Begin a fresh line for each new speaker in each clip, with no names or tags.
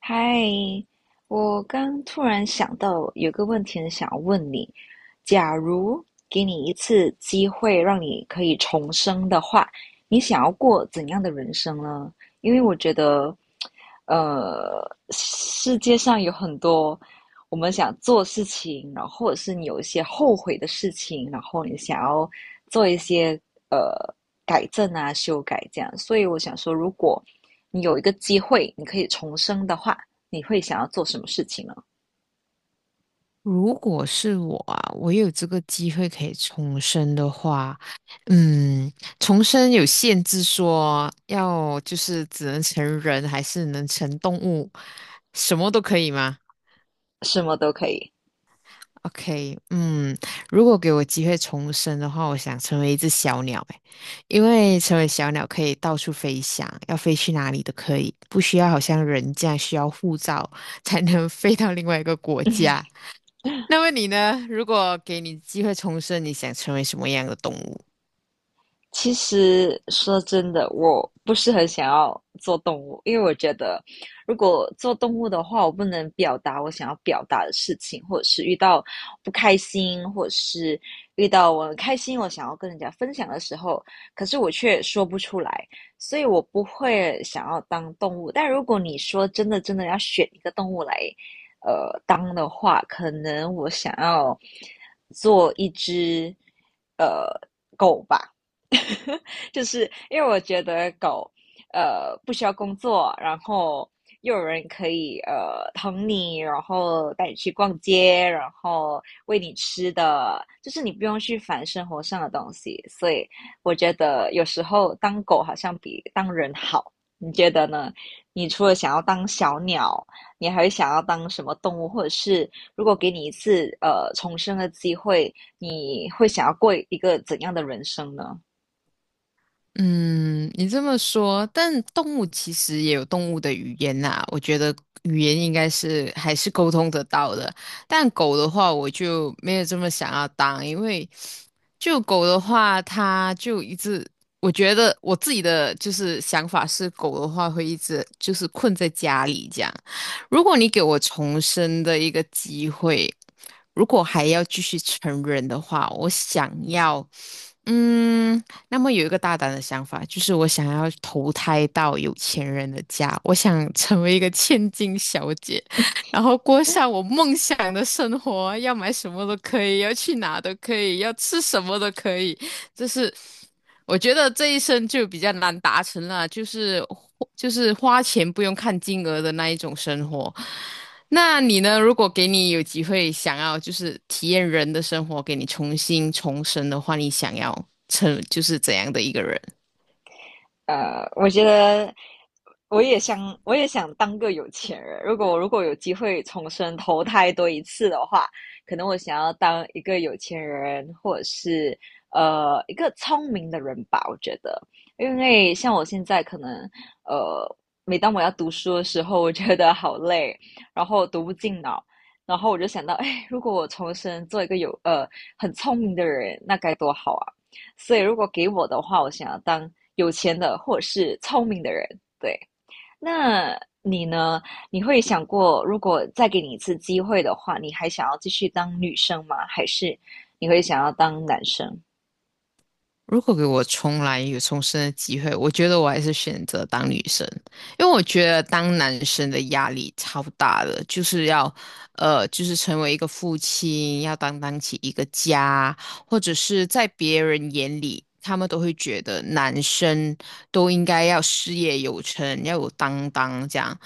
嗨，我刚突然想到有个问题很想要问你：假如给你一次机会，让你可以重生的话，你想要过怎样的人生呢？因为我觉得，世界上有很多我们想做事情，然后或者是你有一些后悔的事情，然后你想要做一些呃改正啊、修改这样。所以我想说，如果你有一个机会，你可以重生的话，你会想要做什么事情呢？
如果是我啊，我有这个机会可以重生的话，嗯，重生有限制说，要就是只能成人，还是能成动物，什么都可以吗
什么都可以。
？OK，嗯，如果给我机会重生的话，我想成为一只小鸟，诶，因为成为小鸟可以到处飞翔，要飞去哪里都可以，不需要好像人这样需要护照才能飞到另外一个国家。那么你呢？如果给你机会重生，你想成为什么样的动物？
其实说真的，我不是很想要做动物，因为我觉得如果做动物的话，我不能表达我想要表达的事情，或者是遇到不开心，或者是遇到我很开心，我想要跟人家分享的时候，可是我却说不出来，所以我不会想要当动物。但如果你说真的真的要选一个动物来，当的话，可能我想要做一只呃狗吧。就是因为我觉得狗，不需要工作，然后又有人可以疼你，然后带你去逛街，然后喂你吃的，就是你不用去烦生活上的东西，所以我觉得有时候当狗好像比当人好，你觉得呢？你除了想要当小鸟，你还会想要当什么动物，或者是如果给你一次重生的机会，你会想要过一个怎样的人生呢？
嗯，你这么说，但动物其实也有动物的语言呐、我觉得语言应该是还是沟通得到的。但狗的话，我就没有这么想要当，因为就狗的话，它就一直，我觉得我自己的就是想法是，狗的话会一直就是困在家里这样。如果你给我重生的一个机会，如果还要继续成人的话，我想要，嗯。那么有一个大胆的想法，就是我想要投胎到有钱人的家，我想成为一个千金小姐，然后过上我梦想的生活，要买什么都可以，要去哪都可以，要吃什么都可以。就是我觉得这一生就比较难达成了，就是花钱不用看金额的那一种生活。那你呢？如果给你有机会想要就是体验人的生活，给你重新重生的话，你想要成就是怎样的一个人？
我觉得我也想，我也想当个有钱人。如果有机会重生投胎多一次的话，可能我想要当一个有钱人，或者是一个聪明的人吧。我觉得，因为像我现在可能呃，每当我要读书的时候，我觉得好累，然后读不进脑。然后我就想到，哎，如果我重生做一个有很聪明的人，那该多好啊！所以如果给我的话，我想要当有钱的或者是聪明的人。对，那你呢？你会想过，如果再给你一次机会的话，你还想要继续当女生吗？还是你会想要当男生？
如果给我重来有重生的机会，我觉得我还是选择当女生，因为我觉得当男生的压力超大的，就是要，就是成为一个父亲，要担当起一个家，或者是在别人眼里，他们都会觉得男生都应该要事业有成，要有担当这样。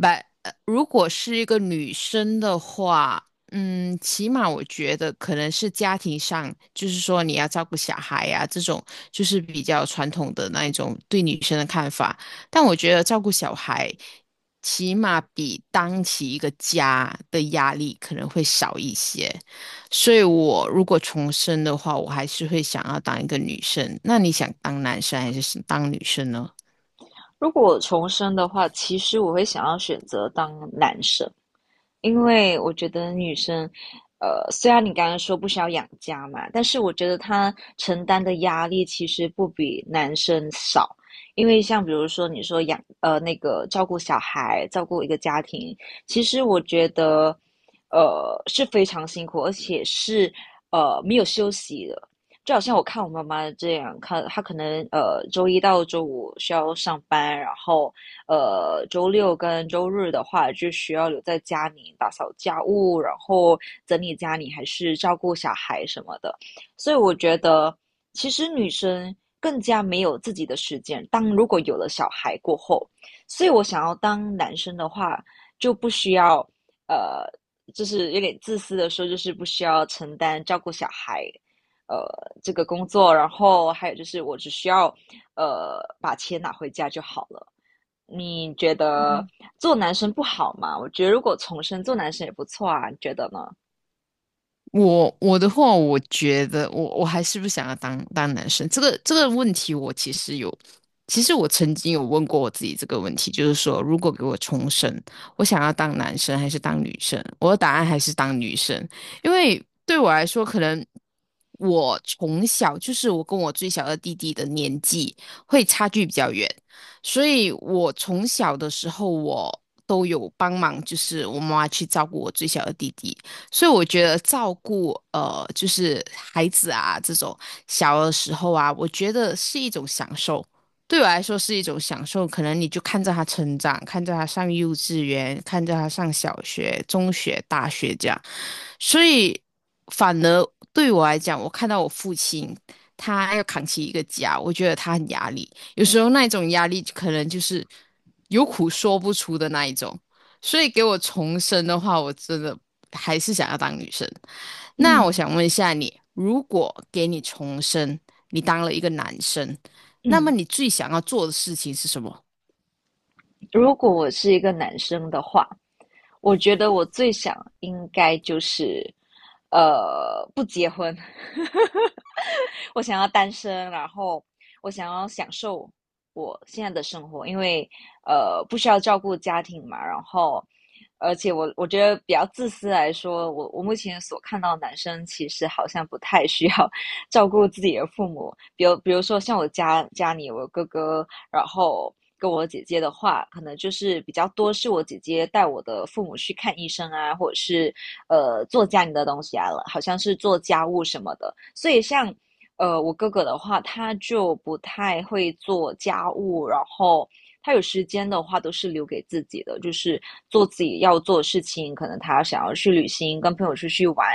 But 如果是一个女生的话，嗯，起码我觉得可能是家庭上，就是说你要照顾小孩呀、这种就是比较传统的那一种对女生的看法。但我觉得照顾小孩，起码比当起一个家的压力可能会少一些。所以我如果重生的话，我还是会想要当一个女生。那你想当男生还是当女生呢？
如果我重生的话，其实我会想要选择当男生，因为我觉得女生，虽然你刚刚说不需要养家嘛，但是我觉得她承担的压力其实不比男生少。因为像比如说你说养，那个照顾小孩、照顾一个家庭，其实我觉得，是非常辛苦，而且是没有休息的。就好像我看我妈妈这样，看她可能周一到周五需要上班，然后周六跟周日的话，就需要留在家里打扫家务，然后整理家里，还是照顾小孩什么的。所以我觉得，其实女生更加没有自己的时间。当如果有了小孩过后，所以我想要当男生的话，就不需要呃，就是有点自私的说，就是不需要承担照顾小孩。呃，这个工作，然后还有就是，我只需要，把钱拿回家就好了。你觉得做男生不好吗？我觉得如果重生做男生也不错啊，你觉得呢？
我的话，我觉得我还是不想要当男生。这个问题，我其实有，其实我曾经有问过我自己这个问题，就是说，如果给我重生，我想要当男生还是当女生？我的答案还是当女生，因为对我来说，可能我从小就是我跟我最小的弟弟的年纪会差距比较远，所以我从小的时候我。都有帮忙，就是我妈妈去照顾我最小的弟弟，所以我觉得照顾就是孩子啊这种小的时候啊，我觉得是一种享受。对我来说是一种享受，可能你就看着他成长，看着他上幼稚园，看着他上小学、中学、大学这样，所以反而对我来讲，我看到我父亲他要扛起一个家，我觉得他很压力，有时候那一种压力可能就是有苦说不出的那一种。所以给我重生的话，我真的还是想要当女生。那我
嗯
想问一下你，如果给你重生，你当了一个男生，那么
嗯，
你最想要做的事情是什么？
如果我是一个男生的话，我觉得我最想应该就是，不结婚。我想要单身，然后我想要享受我现在的生活，因为不需要照顾家庭嘛，然后而且我觉得比较自私来说，我目前所看到的男生其实好像不太需要 照顾自己的父母，比如说像我家家里我哥哥，然后。跟我姐姐的话，可能就是比较多是我姐姐带我的父母去看医生啊，或者是做家里的东西啊，了，好像是做家务什么的。所以像我哥哥的话，他就不太会做家务，然后他有时间的话都是留给自己的，就是做自己要做的事情。可能他想要去旅行，跟朋友出去玩，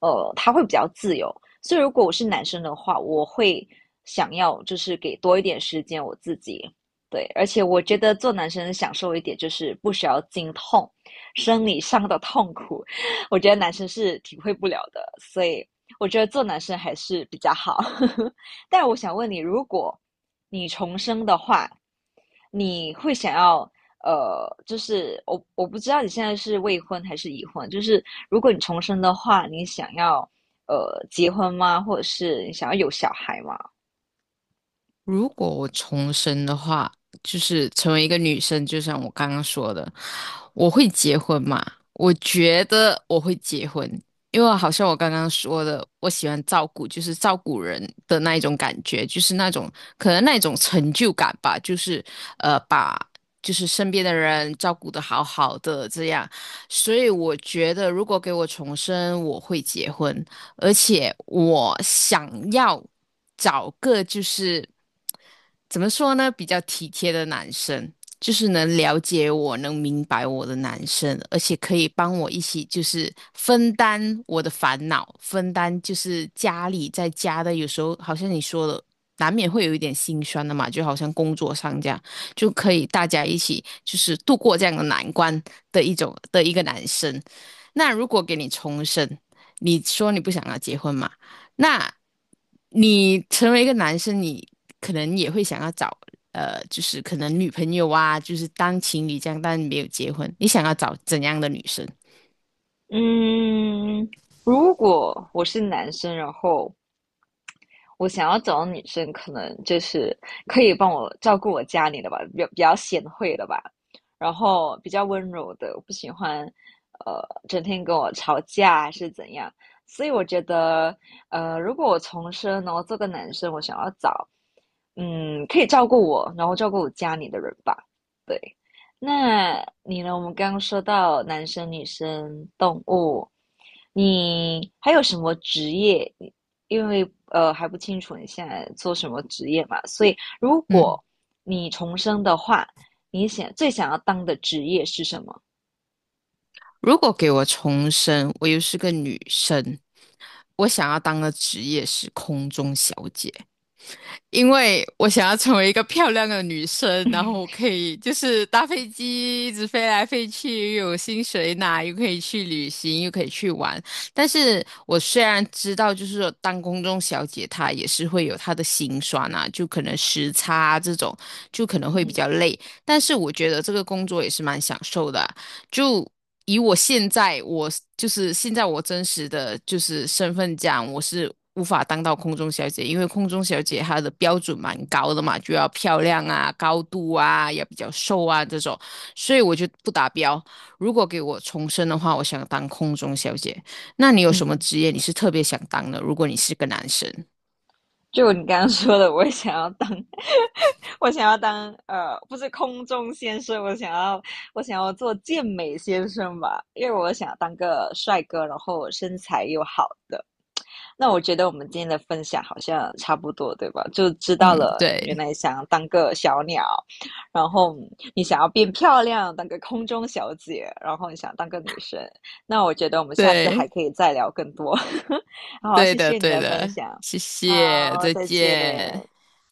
他会比较自由。所以如果我是男生的话，我会想要就是给多一点时间我自己。对，而且我觉得做男生享受一点就是不需要经痛，生理上的痛苦，我觉得男生是体会不了的。所以我觉得做男生还是比较好。但我想问你，如果你重生的话，你会想要就是我我不知道你现在是未婚还是已婚，就是如果你重生的话，你想要结婚吗？或者是你想要有小孩吗？
如果我重生的话，就是成为一个女生，就像我刚刚说的，我会结婚嘛？我觉得我会结婚，因为好像我刚刚说的，我喜欢照顾，就是照顾人的那一种感觉，就是那种可能那种成就感吧，就是把就是身边的人照顾得好好的这样，所以我觉得如果给我重生，我会结婚。而且我想要找个就是怎么说呢，比较体贴的男生，就是能了解我、能明白我的男生，而且可以帮我一起就是分担我的烦恼，分担就是家里在家的，有时候好像你说的。难免会有一点心酸的嘛，就好像工作上这样，就可以大家一起就是度过这样的难关的一种的一个男生。那如果给你重生，你说你不想要结婚嘛？那你成为一个男生，你可能也会想要找就是可能女朋友啊，就是当情侣这样，但没有结婚，你想要找怎样的女生？
嗯，如果我是男生，然后我想要找的女生，可能就是可以帮我照顾我家里的吧，比较比较贤惠的吧，然后比较温柔的，我不喜欢呃整天跟我吵架还是怎样。所以我觉得，如果我重生，然后做个男生，我想要找嗯可以照顾我，然后照顾我家里的人吧。对，那你呢？我们刚刚说到男生、女生、动物，你还有什么职业因为还不清楚你现在做什么职业嘛，所以如
嗯，
果你重生的话，你想最想要当的职业是什么？
如果给我重生，我又是个女生，我想要当的职业是空中小姐。因为我想要成为一个漂亮的女生，然后我可以就是搭飞机一直飞来飞去，又有薪水拿，又可以去旅行，又可以去玩。但是我虽然知道，就是说当公中小姐她也是会有她的辛酸啊，就可能时差啊这种，就可能会
嗯
比较累。但是我觉得这个工作也是蛮享受的啊就以我现在我就是现在我真实的就是身份讲，我是无法当到空中小姐，因为空中小姐她的标准蛮高的嘛，就要漂亮啊、高度啊，也比较瘦啊这种，所以我就不达标。如果给我重生的话，我想当空中小姐。那你有什么
嗯，
职业你是特别想当的？如果你是个男生，
就你刚刚说的，我也想要当，我想要当不是空中先生，我想要做健美先生吧，因为我想当个帅哥，然后身材又好的。那我觉得我们今天的分享好像差不多，对吧？就知道
嗯，
了，原
对
来想当个小鸟，然后你想要变漂亮，当个空中小姐，然后你想当个女生。那我觉得我们下次还
对
可以再聊更多。好，
对
谢
的
谢你
对
的分
的，
享。
谢谢，
好，
再
再见。
见。